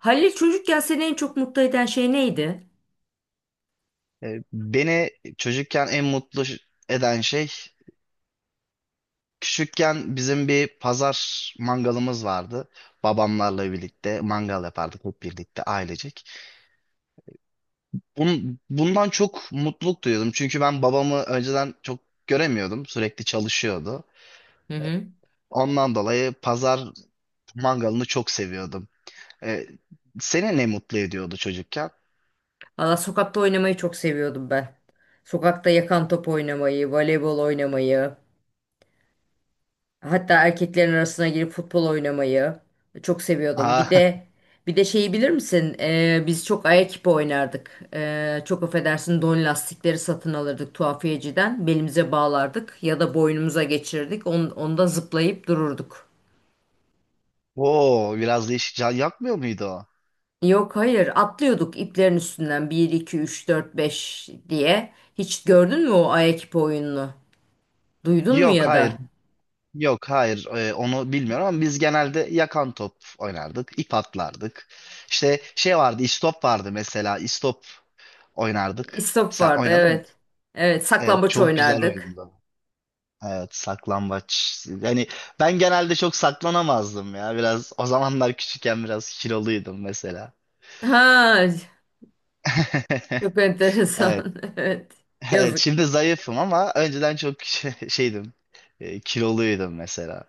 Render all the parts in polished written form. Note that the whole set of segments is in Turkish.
Halil çocukken seni en çok mutlu eden şey neydi? Beni çocukken en mutlu eden şey, küçükken bizim bir pazar mangalımız vardı. Babamlarla birlikte mangal yapardık hep birlikte ailecek. Bundan çok mutluluk duyuyordum. Çünkü ben babamı önceden çok göremiyordum. Sürekli çalışıyordu. Hı hı. Ondan dolayı pazar mangalını çok seviyordum. E, Seni ne mutlu ediyordu çocukken? Valla sokakta oynamayı çok seviyordum ben. Sokakta yakan top oynamayı, voleybol oynamayı, hatta erkeklerin arasına girip futbol oynamayı çok seviyordum. Bir Aa, de bir de şeyi bilir misin? Biz çok ayak ipi oynardık. Çok affedersin don lastikleri satın alırdık tuhafiyeciden. Belimize bağlardık ya da boynumuza geçirirdik. Onda zıplayıp dururduk. o biraz değişik. Can yakmıyor muydu o? Yok, hayır, atlıyorduk iplerin üstünden bir 2 3 4 5 diye. Hiç gördün mü o Ayekip oyununu? Duydun mu Yok, ya hayır. da? Yok, hayır, onu bilmiyorum ama biz genelde yakan top oynardık, ip atlardık. İşte şey vardı, istop vardı mesela, istop oynardık. İstop Sen vardı, oynadın mı? evet. Evet, Evet, saklambaç çok güzel oynardık. oyundu. Evet, saklambaç. Yani ben genelde çok saklanamazdım ya, biraz o zamanlar küçükken biraz kiloluydum mesela. Ha, çok Evet, enteresan, evet. evet Yazık. şimdi zayıfım ama önceden çok şeydim, kiloluydum mesela.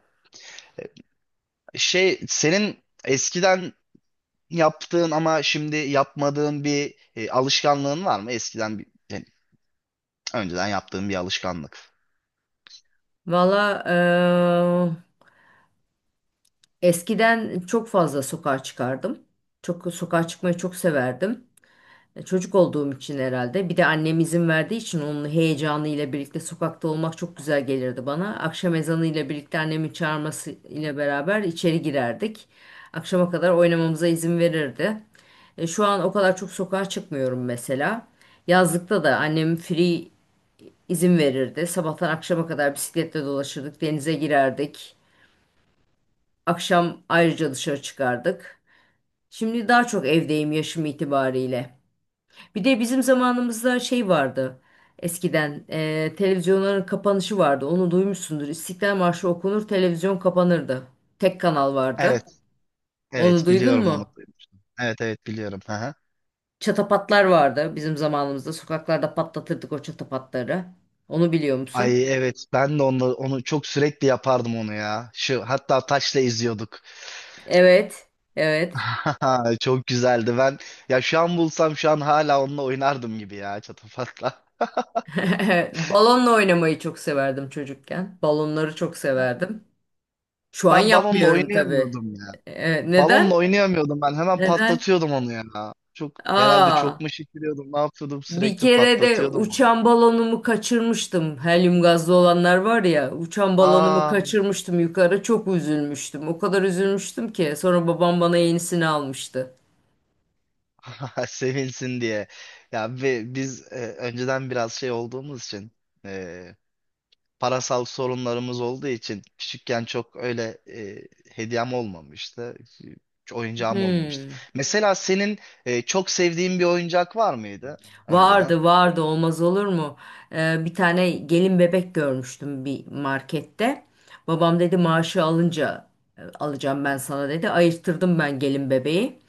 Şey, senin eskiden yaptığın ama şimdi yapmadığın bir alışkanlığın var mı? Eskiden bir, yani önceden yaptığın bir alışkanlık. Valla eskiden çok fazla sokağa çıkardım. Çok sokağa çıkmayı çok severdim. Çocuk olduğum için herhalde. Bir de annem izin verdiği için onun heyecanıyla birlikte sokakta olmak çok güzel gelirdi bana. Akşam ezanıyla birlikte annemin çağırması ile beraber içeri girerdik. Akşama kadar oynamamıza izin verirdi. Şu an o kadar çok sokağa çıkmıyorum mesela. Yazlıkta da annem free izin verirdi. Sabahtan akşama kadar bisikletle dolaşırdık, denize girerdik. Akşam ayrıca dışarı çıkardık. Şimdi daha çok evdeyim yaşım itibariyle. Bir de bizim zamanımızda şey vardı. Eskiden televizyonların kapanışı vardı. Onu duymuşsundur. İstiklal Marşı okunur, televizyon kapanırdı. Tek kanal Evet, vardı. evet Onu duydun biliyorum mu? onu. Evet, evet biliyorum. Hı hı. Çatapatlar vardı bizim zamanımızda. Sokaklarda patlatırdık o çatapatları. Onu biliyor musun? Ay evet, ben de onu çok sürekli yapardım onu ya. Şu hatta taşla izliyorduk. Evet, evet. Çok güzeldi. Ben, ya şu an bulsam şu an hala onunla oynardım gibi ya, çatapatla. Balonla oynamayı çok severdim çocukken. Balonları çok severdim. Şu an Ben balonla yapmıyorum tabii. oynayamıyordum. Ee, Balonla neden? oynayamıyordum ben. Hemen Neden? patlatıyordum onu ya. Çok herhalde çok Aa. mu şişiriyordum? Ne yapıyordum? Bir Sürekli kere de patlatıyordum onu. uçan balonumu kaçırmıştım. Helyum gazlı olanlar var ya, uçan balonumu Aa, kaçırmıştım yukarı. Çok üzülmüştüm. O kadar üzülmüştüm ki sonra babam bana yenisini almıştı. sevinsin diye. Ya ve biz önceden biraz şey olduğumuz için e, parasal sorunlarımız olduğu için küçükken çok öyle hediyem olmamıştı. Hiç oyuncağım olmamıştı. Hmm. Mesela senin çok sevdiğin bir oyuncak var mıydı önceden? Vardı vardı, olmaz olur mu? Bir tane gelin bebek görmüştüm bir markette. Babam dedi maaşı alınca alacağım ben sana dedi. Ayırttırdım ben gelin bebeği.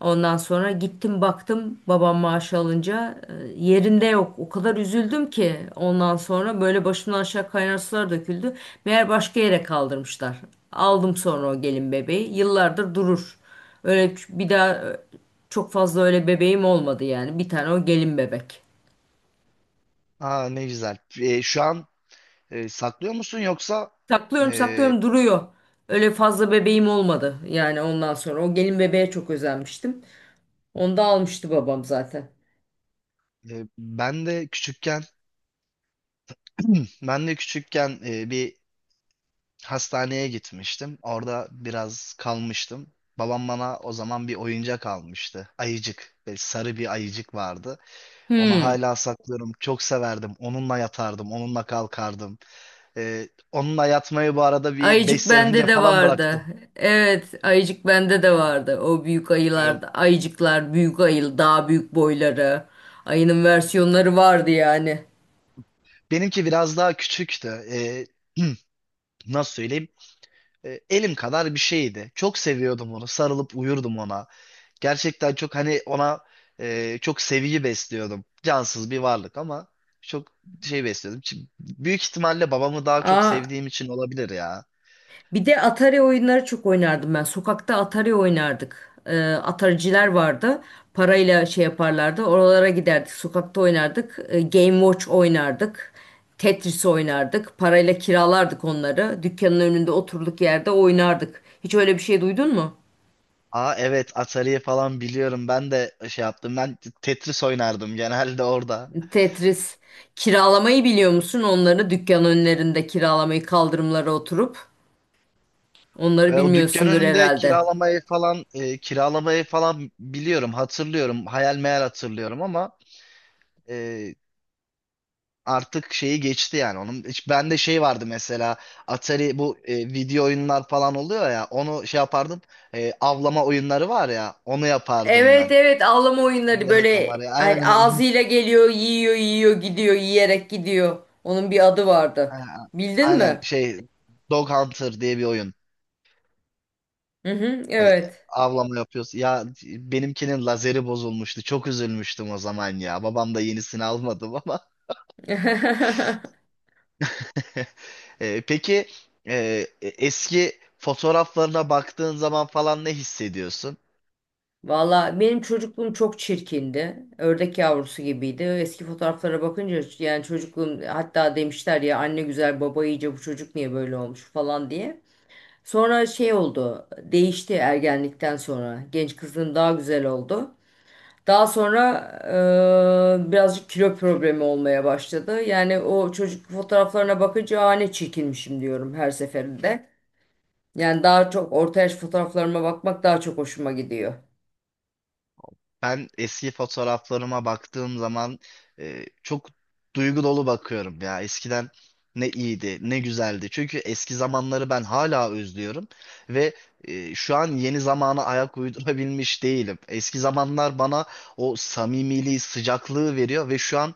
Ondan sonra gittim baktım, babam maaşı alınca yerinde yok. O kadar üzüldüm ki ondan sonra böyle başımdan aşağı kaynar sular döküldü. Meğer başka yere kaldırmışlar. Aldım sonra o gelin bebeği. Yıllardır durur. Bir daha çok fazla öyle bebeğim olmadı yani. Bir tane o gelin bebek. Aa, ne güzel. Şu an saklıyor musun yoksa Saklıyorum, e, saklıyorum, duruyor. Öyle fazla bebeğim olmadı. Yani ondan sonra o gelin bebeğe çok özenmiştim. Onu da almıştı babam zaten. Ben de küçükken ben de küçükken bir hastaneye gitmiştim. Orada biraz kalmıştım. Babam bana o zaman bir oyuncak almıştı. Ayıcık. Böyle sarı bir ayıcık vardı. Onu Hmm. hala saklıyorum. Çok severdim. Onunla yatardım. Onunla kalkardım. Onunla yatmayı bu arada bir 5 Ayıcık sene önce bende de falan vardı. bıraktım. Evet, ayıcık bende de vardı. O büyük ayılar, Böyle- ayıcıklar, büyük ayı, daha büyük boyları. Ayının versiyonları vardı yani. Benimki biraz daha küçüktü. Nasıl söyleyeyim? Elim kadar bir şeydi. Çok seviyordum onu. Sarılıp uyurdum ona. Gerçekten çok hani ona çok sevgi besliyordum. Cansız bir varlık ama çok şey besliyordum. Büyük ihtimalle babamı daha çok Aa, sevdiğim için olabilir ya. bir de Atari oyunları çok oynardım ben. Sokakta Atari oynardık. Atariciler vardı. Parayla şey yaparlardı. Oralara giderdik. Sokakta oynardık. Game Watch oynardık. Tetris oynardık. Parayla kiralardık onları. Dükkanın önünde oturduk yerde oynardık. Hiç öyle bir şey duydun mu? Aa evet, Atari'yi falan biliyorum. Ben de şey yaptım. Ben Tetris oynardım genelde orada. Tetris. Kiralamayı biliyor musun? Onları dükkan önlerinde kiralamayı, kaldırımlara oturup. Onları O dükkan bilmiyorsundur önünde herhalde. kiralamayı falan kiralamayı falan biliyorum, hatırlıyorum. Hayal meyal hatırlıyorum ama e, artık şeyi geçti yani onun. Hiç bende şey vardı mesela, Atari bu video oyunlar falan oluyor ya, onu şey yapardım. Avlama oyunları var ya, onu yapardım Evet, ben. evet, avlama oyunları, Yaratam böyle var ya, hani aynen. ağzıyla geliyor, yiyor, yiyor, gidiyor, yiyerek gidiyor. Onun bir adı vardı. aynen Bildin aynen mi? şey, Dog Hunter diye bir oyun. Hı hı, Hani evet. avlama yapıyoruz. Ya benimkinin lazeri bozulmuştu. Çok üzülmüştüm o zaman ya. Babam da yenisini almadım ama. Peki, e, eski fotoğraflarına baktığın zaman falan ne hissediyorsun? Valla benim çocukluğum çok çirkindi. Ördek yavrusu gibiydi. Eski fotoğraflara bakınca, yani çocukluğum, hatta demişler ya anne güzel baba iyice bu çocuk niye böyle olmuş falan diye. Sonra şey oldu, değişti ergenlikten sonra. Genç kızın daha güzel oldu. Daha sonra birazcık kilo problemi olmaya başladı. Yani o çocuk fotoğraflarına bakınca "Aa, ne çirkinmişim" diyorum her seferinde. Yani daha çok orta yaş fotoğraflarıma bakmak daha çok hoşuma gidiyor. Ben eski fotoğraflarıma baktığım zaman çok duygu dolu bakıyorum ya. Eskiden ne iyiydi, ne güzeldi. Çünkü eski zamanları ben hala özlüyorum ve şu an yeni zamana ayak uydurabilmiş değilim. Eski zamanlar bana o samimiliği, sıcaklığı veriyor ve şu an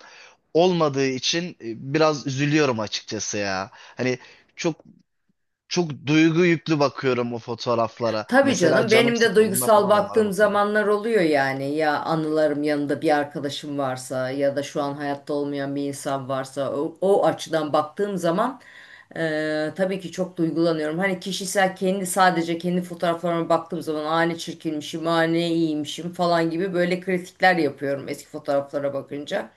olmadığı için biraz üzülüyorum açıkçası ya. Hani çok çok duygu yüklü bakıyorum o fotoğraflara. Tabii Mesela canım, canım benim de sıkıldığında duygusal falan onlara baktığım bakıyorum. zamanlar oluyor yani, ya anılarım yanında bir arkadaşım varsa ya da şu an hayatta olmayan bir insan varsa o açıdan baktığım zaman tabii ki çok duygulanıyorum. Hani kişisel kendi, sadece kendi fotoğraflarıma baktığım zaman "Aa, ne çirkinmişim, aa, ne iyiymişim" falan gibi böyle kritikler yapıyorum eski fotoğraflara bakınca.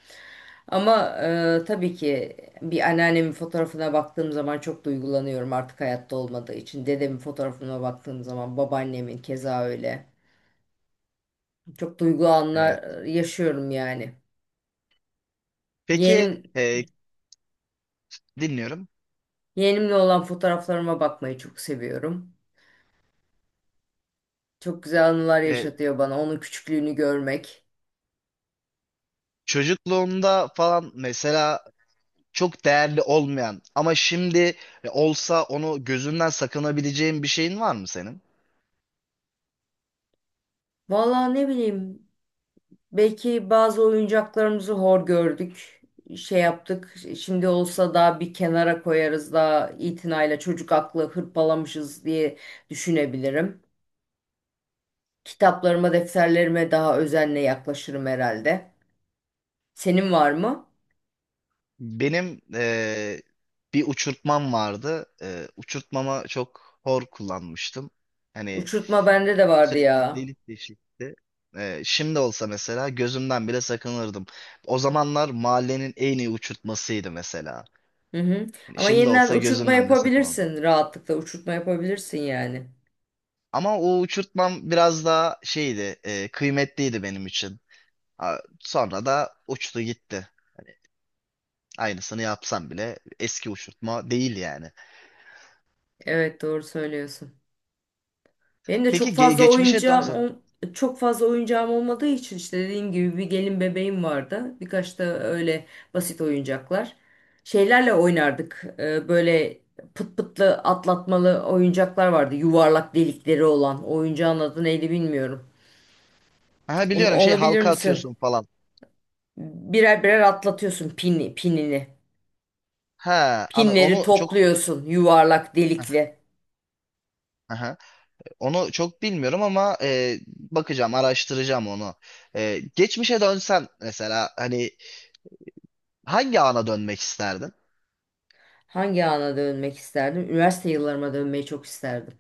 Ama tabii ki bir anneannemin fotoğrafına baktığım zaman çok duygulanıyorum artık hayatta olmadığı için. Dedemin fotoğrafına baktığım zaman, babaannemin keza öyle. Çok duygu Evet. anlar yaşıyorum yani. Peki, Yeğenim, e, dinliyorum. yeğenimle olan fotoğraflarıma bakmayı çok seviyorum. Çok güzel anılar Ee, yaşatıyor bana onun küçüklüğünü görmek. Çocukluğumda falan mesela çok değerli olmayan ama şimdi olsa onu gözünden sakınabileceğin bir şeyin var mı senin? Vallahi ne bileyim. Belki bazı oyuncaklarımızı hor gördük, şey yaptık. Şimdi olsa da bir kenara koyarız da, itinayla, çocuk aklı hırpalamışız diye düşünebilirim. Kitaplarıma, defterlerime daha özenle yaklaşırım herhalde. Senin var mı? Benim bir uçurtmam vardı. Uçurtmama çok hor kullanmıştım. Hani Uçurtma bende de vardı sürekli ya. delik deşikti. Şimdi olsa mesela gözümden bile sakınırdım. O zamanlar mahallenin en iyi uçurtmasıydı mesela. Hı hı. Hani Ama şimdi yeniden olsa uçurtma gözümden bile sakınırdım. yapabilirsin. Rahatlıkla uçurtma yapabilirsin yani. Ama o uçurtmam biraz daha şeydi, kıymetliydi benim için. Ha, sonra da uçtu gitti. Aynısını yapsam bile eski uçurtma değil yani. Evet, doğru söylüyorsun. Benim de çok Peki, fazla geçmişe oyuncağım dönsen. ol- Çok fazla oyuncağım olmadığı için, işte dediğim gibi, bir gelin bebeğim vardı. Birkaç da öyle basit oyuncaklar. Şeylerle oynardık. Böyle pıt pıtlı atlatmalı oyuncaklar vardı. Yuvarlak delikleri olan. Oyuncağın adı neydi bilmiyorum. Ha, Onu, biliyorum şey, onu bilir halka misin? atıyorsun falan. Birer birer atlatıyorsun pinini. Pinleri Onu çok topluyorsun, yuvarlak aha. delikli. Aha. Onu çok bilmiyorum ama bakacağım, araştıracağım onu. Geçmişe dönsen mesela hani hangi ana dönmek isterdin? Hangi ana dönmek isterdim? Üniversite yıllarıma dönmeyi çok isterdim.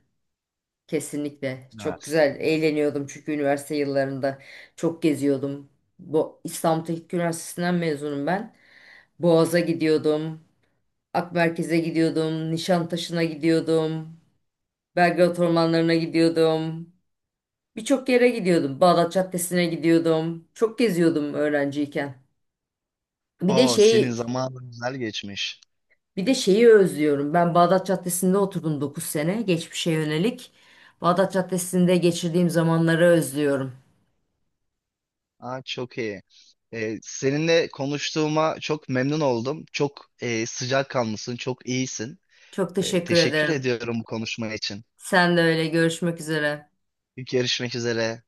Kesinlikle. Çok Üniversite güzel. yılları. Eğleniyordum, çünkü üniversite yıllarında çok geziyordum. Bu, İstanbul Teknik Üniversitesi'nden mezunum ben. Boğaz'a gidiyordum. Akmerkez'e gidiyordum. Nişantaşı'na gidiyordum. Belgrad ormanlarına gidiyordum. Birçok yere gidiyordum. Bağdat Caddesi'ne gidiyordum. Çok geziyordum öğrenciyken. Bir de Oo, senin şeyi zamanın güzel geçmiş. bir de şeyi özlüyorum. Ben Bağdat Caddesi'nde oturdum 9 sene, geçmişe yönelik. Bağdat Caddesi'nde geçirdiğim zamanları özlüyorum. Aa, çok iyi. Seninle konuştuğuma çok memnun oldum. Çok sıcakkanlısın, çok iyisin. Çok teşekkür Teşekkür ederim. ediyorum bu konuşma için. Sen de öyle. Görüşmek üzere. Görüşmek üzere.